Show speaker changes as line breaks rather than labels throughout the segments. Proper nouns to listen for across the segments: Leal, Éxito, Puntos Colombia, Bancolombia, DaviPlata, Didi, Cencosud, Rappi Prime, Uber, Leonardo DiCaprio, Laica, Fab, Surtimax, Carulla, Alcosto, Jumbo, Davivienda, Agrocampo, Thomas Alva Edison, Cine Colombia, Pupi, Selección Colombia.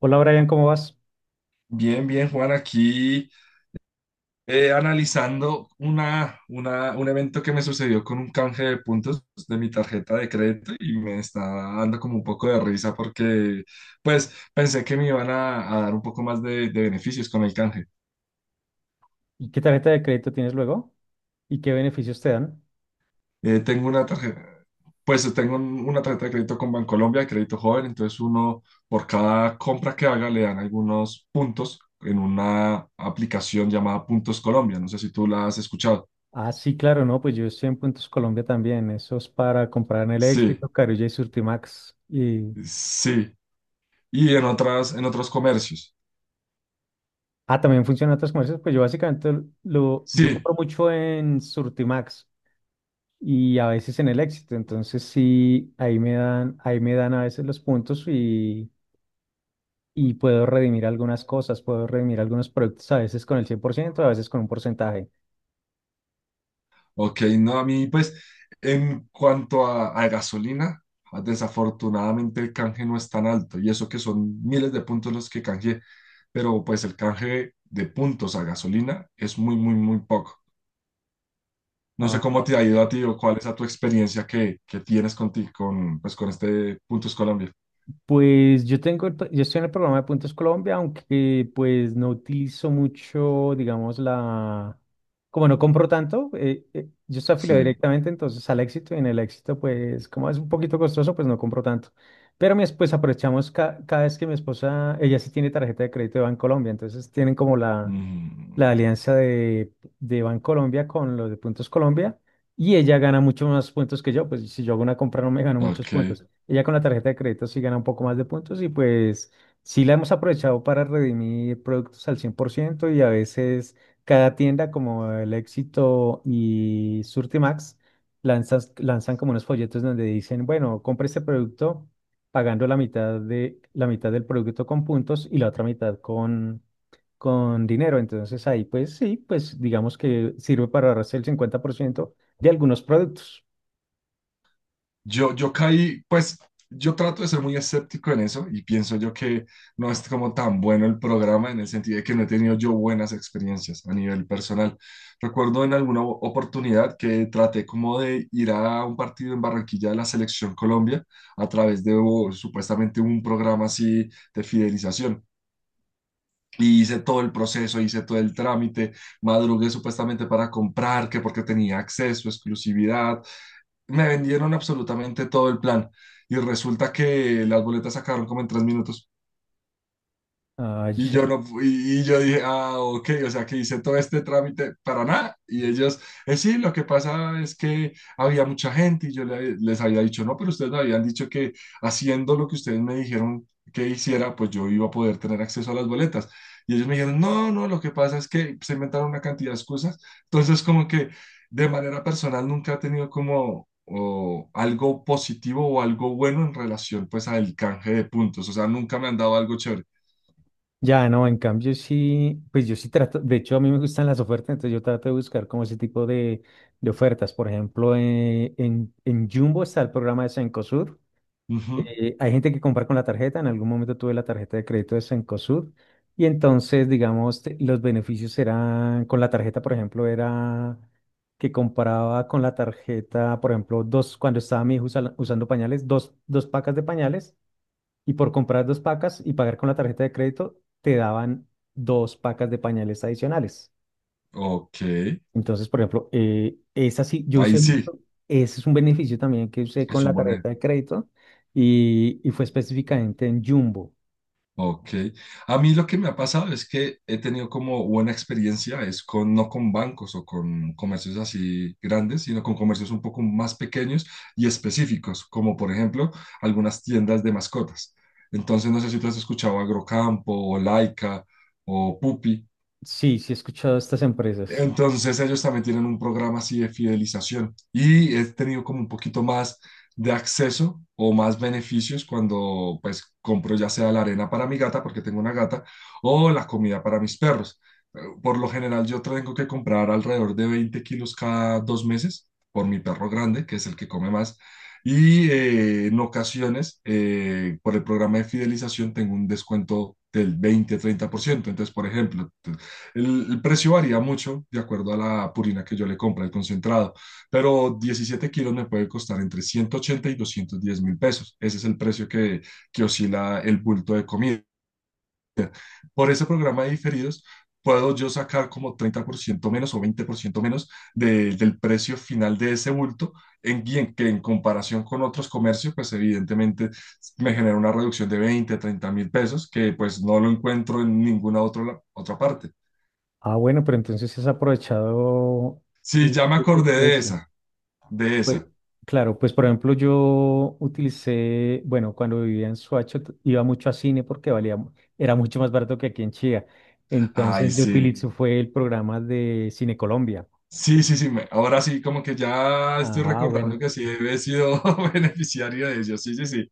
Hola Brian, ¿cómo vas?
Bien, bien, Juan, aquí analizando un evento que me sucedió con un canje de puntos de mi tarjeta de crédito y me está dando como un poco de risa porque pues pensé que me iban a dar un poco más de beneficios con el canje.
¿Y qué tarjeta de crédito tienes luego? ¿Y qué beneficios te dan?
Tengo una tarjeta, pues tengo una tarjeta de crédito con Bancolombia, de crédito joven, entonces uno por cada compra que haga le dan algunos puntos en una aplicación llamada Puntos Colombia. No sé si tú la has escuchado.
Ah, sí, claro, no, pues yo estoy en Puntos Colombia también. Eso es para comprar en el
Sí.
Éxito, Carulla y Surtimax. Y.
Sí, y en otras, en otros comercios.
Ah, también funcionan otros comercios. Pues yo básicamente yo
Sí,
compro mucho en Surtimax y a veces en el Éxito. Entonces sí, ahí me dan a veces los puntos y puedo redimir algunas cosas, puedo redimir algunos productos a veces con el 100%, a veces con un porcentaje.
ok, no, a mí pues en cuanto a gasolina, desafortunadamente el canje no es tan alto y eso que son miles de puntos los que canjeé, pero pues el canje de puntos a gasolina es muy, muy, muy poco. No sé
Ah,
cómo te ha ido a ti o cuál es a tu experiencia que tienes con, ti, con, pues, con este Puntos Colombia.
pues yo tengo, yo estoy en el programa de Puntos Colombia, aunque pues no utilizo mucho, digamos, como no compro tanto, yo estoy afiliado
Sí.
directamente entonces al Éxito y en el Éxito pues como es un poquito costoso pues no compro tanto. Pero mi esposa, aprovechamos cada vez que mi esposa, ella sí tiene tarjeta de crédito de Bancolombia, entonces tienen como la
Mm,
alianza de Bancolombia con los de Puntos Colombia. Y ella gana mucho más puntos que yo, pues si yo hago una compra no me gano muchos
ok.
puntos. Ella con la tarjeta de crédito sí gana un poco más de puntos y pues sí la hemos aprovechado para redimir productos al 100% y a veces cada tienda como El Éxito y Surtimax lanzas lanzan como unos folletos donde dicen, bueno, compre este producto pagando la mitad del producto con puntos y la otra mitad con dinero. Entonces ahí pues sí, pues digamos que sirve para ahorrarse el 50% de algunos productos.
Yo caí, pues yo trato de ser muy escéptico en eso y pienso yo que no es como tan bueno el programa en el sentido de que no he tenido yo buenas experiencias a nivel personal. Recuerdo en alguna oportunidad que traté como de ir a un partido en Barranquilla de la Selección Colombia a través de, o, supuestamente, un programa así de fidelización. Y hice todo el proceso, hice todo el trámite, madrugué supuestamente para comprar, que porque tenía acceso, exclusividad, me vendieron absolutamente todo el plan y resulta que las boletas sacaron como en 3 minutos.
Ah,
Y yo
ya,
no, yo dije: ah, ok, o sea que hice todo este trámite para nada. Y ellos: "sí, lo que pasa es que había mucha gente. Y yo les había dicho: no, pero ustedes me habían dicho que haciendo lo que ustedes me dijeron que hiciera, pues yo iba a poder tener acceso a las boletas. Y ellos me dijeron no, no, lo que pasa es que se inventaron una cantidad de excusas. Entonces, como que de manera personal nunca he tenido como o algo positivo o algo bueno en relación pues al canje de puntos. O sea, nunca me han dado algo chévere.
ya, no, en cambio sí, pues yo sí trato, de hecho a mí me gustan las ofertas, entonces yo trato de buscar como ese tipo de ofertas. Por ejemplo, en Jumbo está el programa de Cencosud.
Ujú.
Hay gente que compra con la tarjeta, en algún momento tuve la tarjeta de crédito de Cencosud y entonces, digamos, los beneficios eran, con la tarjeta, por ejemplo, era que compraba con la tarjeta, por ejemplo, dos, cuando estaba mi hijo usando pañales, dos pacas de pañales. Y por comprar dos pacas y pagar con la tarjeta de crédito, te daban dos pacas de pañales adicionales.
Ok,
Entonces, por ejemplo, esa sí, yo
ahí
usé
sí,
mucho, ese es un beneficio también que usé con
es
la
un buen... ej-
tarjeta de crédito y fue específicamente en Jumbo.
ok, a mí lo que me ha pasado es que he tenido como buena experiencia, es con, no con bancos o con comercios así grandes, sino con comercios un poco más pequeños y específicos, como por ejemplo algunas tiendas de mascotas. Entonces, no sé si tú has escuchado Agrocampo o Laica o Pupi.
Sí, sí he escuchado de estas empresas.
Entonces ellos también tienen un programa así de fidelización y he tenido como un poquito más de acceso o más beneficios cuando pues compro ya sea la arena para mi gata porque tengo una gata o la comida para mis perros. Por lo general yo tengo que comprar alrededor de 20 kilos cada 2 meses por mi perro grande, que es el que come más. Y en ocasiones, por el programa de fidelización, tengo un descuento del 20 30%. Entonces, por ejemplo, el precio varía mucho de acuerdo a la purina que yo le compre, el concentrado, pero 17 kilos me puede costar entre 180 y 210 mil pesos. Ese es el precio que oscila el bulto de comida. Por ese programa de diferidos, puedo yo sacar como 30% menos o 20% menos del precio final de ese bulto, en, y en que en comparación con otros comercios, pues evidentemente me genera una reducción de 20, 30 mil pesos, que pues no lo encuentro en ninguna otra parte.
Ah, bueno, pero entonces sí has aprovechado
Sí, ya me acordé de
ese.
esa, de
Pues,
esa.
claro, pues por ejemplo yo utilicé, bueno, cuando vivía en Suacho iba mucho a cine porque valía, era mucho más barato que aquí en Chía.
Ay,
Entonces yo
sí.
utilicé fue el programa de Cine Colombia.
Sí, sí, sí. Ahora sí, como que ya estoy
Ah, bueno.
recordando que sí he sido beneficiario de ellos. Sí, sí, sí.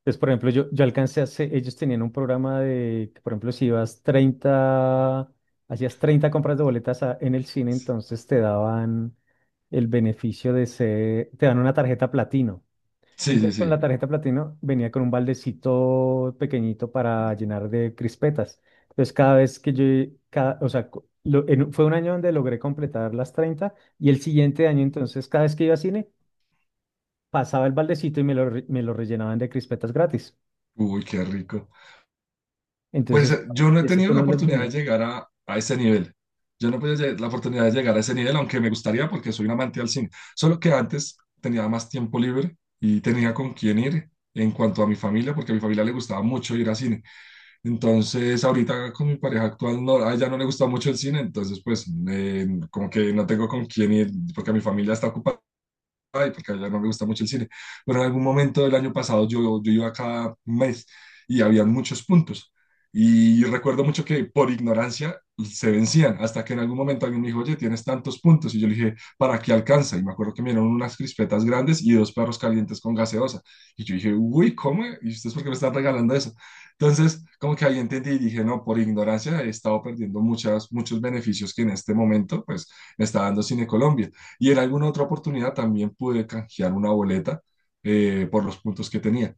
Entonces, por ejemplo, yo alcancé a hacer, ellos tenían un programa que, por ejemplo, si ibas 30 hacías 30 compras de boletas en el cine, entonces te daban el beneficio de ser, te dan una tarjeta platino.
Sí, sí,
Entonces, con la
sí.
tarjeta platino venía con un baldecito pequeñito para llenar de crispetas. Entonces, cada vez que yo, o sea, fue un año donde logré completar las 30 y el siguiente año, entonces, cada vez que iba a cine, pasaba el baldecito y me lo, me lo rellenaban de crispetas gratis.
Uy, qué rico. Pues
Entonces,
yo no he
ese
tenido
fue uno
la
de los
oportunidad de
beneficios.
llegar a ese nivel. Yo no he tenido la oportunidad de llegar a ese nivel, aunque me gustaría porque soy un amante del cine. Solo que antes tenía más tiempo libre y tenía con quién ir en cuanto a mi familia, porque a mi familia le gustaba mucho ir al cine. Entonces, ahorita con mi pareja actual, no, a ella no le gusta mucho el cine, entonces pues como que no tengo con quién ir porque mi familia está ocupada y porque ya no me gusta mucho el cine, pero en algún momento del año pasado yo iba cada mes y había muchos puntos. Y recuerdo mucho que por ignorancia se vencían, hasta que en algún momento alguien me dijo: oye, tienes tantos puntos. Y yo le dije: ¿para qué alcanza? Y me acuerdo que me dieron unas crispetas grandes y dos perros calientes con gaseosa. Y yo dije: uy, ¿cómo? ¿Y ustedes por qué me están regalando eso? Entonces, como que ahí entendí y dije no, por ignorancia he estado perdiendo muchos beneficios que en este momento, pues, me está dando Cine Colombia. Y en alguna otra oportunidad también pude canjear una boleta por los puntos que tenía.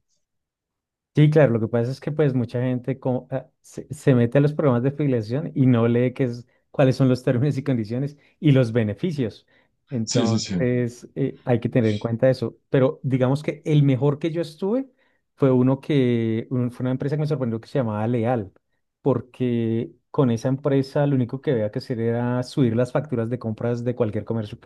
Sí, claro, lo que pasa es que pues mucha gente como, se mete a los programas de afiliación y no lee qué es, cuáles son los términos y condiciones y los beneficios.
Sí, sí, sí.
Entonces, hay que tener en cuenta eso. Pero digamos que el mejor que yo estuve fue uno que, fue una empresa que me sorprendió que se llamaba Leal, porque con esa empresa lo único que había que hacer era subir las facturas de compras de cualquier comercio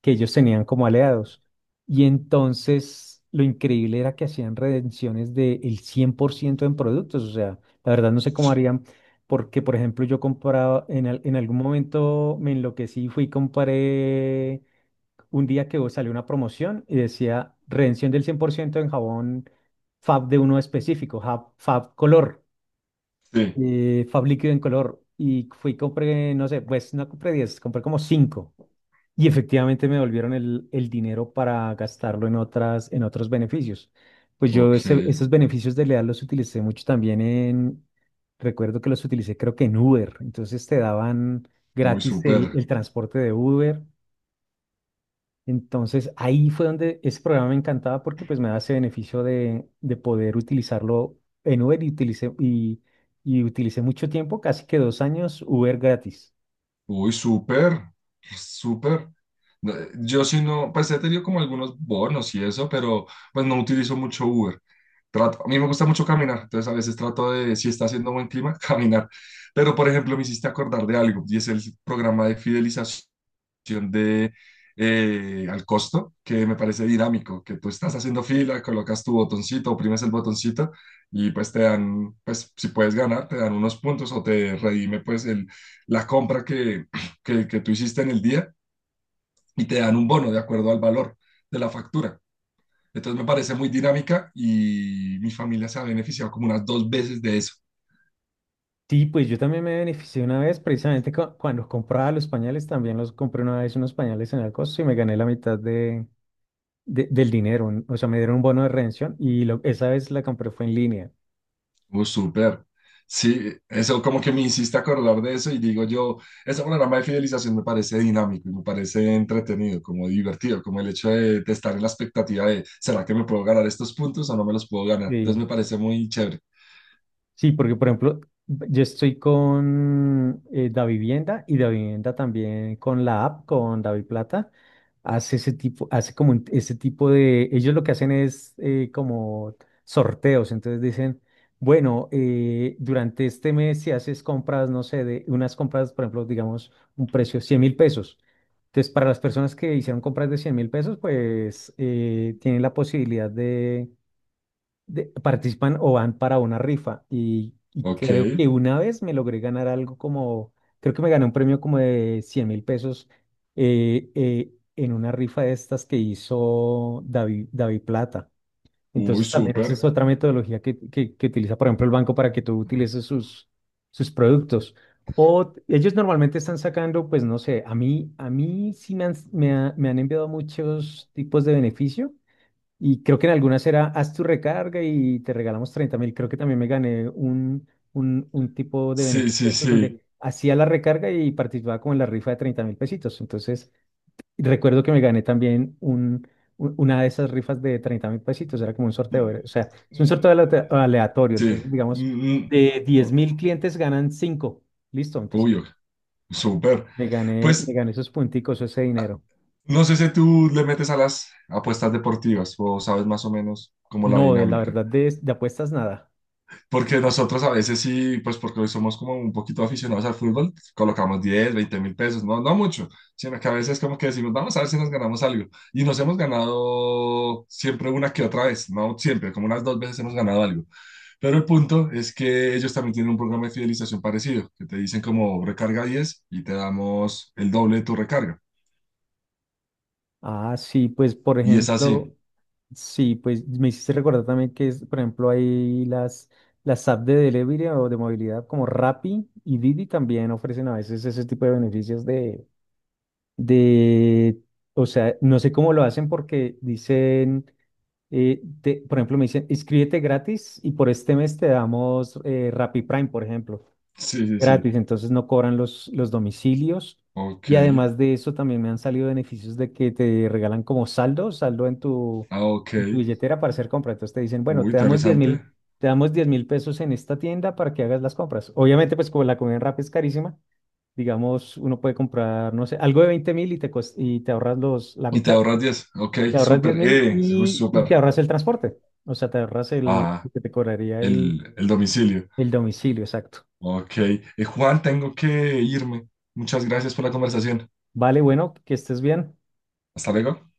que ellos tenían como aliados. Y entonces lo increíble era que hacían redenciones del 100% en productos. O sea, la verdad no sé cómo harían, porque por ejemplo yo compraba, en algún momento me enloquecí y fui y compré un día que salió una promoción y decía redención del 100% en jabón Fab de uno específico, Fab color,
Sí,
Fab líquido en color. Y fui y compré, no sé, pues no compré 10 compré como 5 y efectivamente me devolvieron el dinero para gastarlo en otras, en otros beneficios. Pues yo
ok.
esos beneficios de Leal los utilicé mucho también recuerdo que los utilicé creo que en Uber. Entonces te daban
Uy,
gratis el,
súper.
el transporte de Uber. Entonces ahí fue donde ese programa me encantaba porque pues me da ese beneficio de poder utilizarlo en Uber y utilicé mucho tiempo, casi que 2 años, Uber gratis.
Uy, súper, súper. No, yo sí no, pues he tenido como algunos bonos y eso, pero pues no utilizo mucho Uber. Trato, a mí me gusta mucho caminar, entonces a veces trato de, si está haciendo buen clima, caminar. Pero por ejemplo, me hiciste acordar de algo y es el programa de fidelización de Al Costo, que me parece dinámico, que tú estás haciendo fila, colocas tu botoncito, oprimes el botoncito y pues te dan, pues si puedes ganar, te dan unos puntos o te redime pues la compra que tú hiciste en el día y te dan un bono de acuerdo al valor de la factura. Entonces me parece muy dinámica y mi familia se ha beneficiado como unas dos veces de eso.
Sí, pues yo también me beneficié una vez, precisamente cuando compraba los pañales, también los compré una vez unos pañales en Alcosto y me gané la mitad del dinero, o sea, me dieron un bono de redención y esa vez la compré fue en línea.
Súper. Sí, eso como que me insiste a acordar de eso y digo yo, ese programa de fidelización me parece dinámico y me parece entretenido, como divertido, como el hecho de estar en la expectativa de: ¿será que me puedo ganar estos puntos o no me los puedo ganar? Entonces
Sí.
me parece muy chévere.
Sí, porque por ejemplo, yo estoy con Davivienda y Davivienda también con la app, con DaviPlata, hace ese tipo, hace como ese tipo ellos lo que hacen es como sorteos, entonces dicen, bueno, durante este mes si haces compras, no sé, de unas compras, por ejemplo, digamos, un precio $100.000. Entonces, para las personas que hicieron compras de $100.000, pues tienen la posibilidad participan o van para una rifa y
Ok,
creo que una vez me logré ganar algo como, creo que me gané un premio como de $100.000 en una rifa de estas que hizo David Plata.
uy,
Entonces también esa es
súper.
otra metodología que utiliza, por ejemplo, el banco para que tú utilices sus productos. O ellos normalmente están sacando, pues no sé, a mí sí me han enviado muchos tipos de beneficio y creo que en algunas era, haz tu recarga y te regalamos 30.000. Creo que también me gané un tipo de
Sí,
beneficio de
sí,
esos
sí.
donde hacía la recarga y participaba como en la rifa de 30.000 pesitos. Entonces, recuerdo que me gané también una de esas rifas de 30.000 pesitos. Era como un sorteo.
Mm,
O sea, es un sorteo
mm,
aleatorio.
sí,
Entonces, digamos,
mm, mm,
de 10.000
o-
clientes ganan cinco. Listo. Entonces,
obvio, súper.
me gané, me
Pues
gané esos punticos, ese dinero.
no sé si tú le metes a las apuestas deportivas o sabes más o menos como la
No, de la
dinámica.
verdad, de apuestas nada.
Porque nosotros a veces sí, pues porque hoy somos como un poquito aficionados al fútbol, colocamos 10, 20.000 pesos, no, no mucho, sino que a veces como que decimos: vamos a ver si nos ganamos algo. Y nos hemos ganado siempre una que otra vez, no siempre, como unas dos veces hemos ganado algo. Pero el punto es que ellos también tienen un programa de fidelización parecido, que te dicen como recarga 10 y te damos el doble de tu recarga.
Ah, sí, pues por
Y es así.
ejemplo. Sí, pues me hiciste recordar también es, por ejemplo, hay las apps de delivery o de movilidad como Rappi y Didi también ofrecen a veces ese tipo de beneficios de, o sea, no sé cómo lo hacen porque dicen, por ejemplo, me dicen, inscríbete gratis y por este mes te damos Rappi Prime, por ejemplo.
Sí, sí, sí.
Gratis, entonces no cobran los domicilios.
Ok.
Y además de eso, también me han salido beneficios de que te regalan como saldo en tu,
Ah, ok.
en tu billetera para hacer compras. Entonces te dicen, bueno,
Uy,
te damos diez
interesante.
mil, te damos $10.000 en esta tienda para que hagas las compras. Obviamente, pues como la comida en Rappi es carísima, digamos, uno puede comprar, no sé, algo de 20.000 y y te ahorras la
Y te
mitad,
ahorras 10. Ok,
te ahorras diez
súper.
mil
Uy,
y te
súper.
ahorras el transporte. O sea, te ahorras
Ah,
lo que te cobraría el,
el domicilio.
el domicilio, exacto.
Ok. Juan, tengo que irme. Muchas gracias por la conversación.
Vale, bueno, que estés bien.
Hasta luego.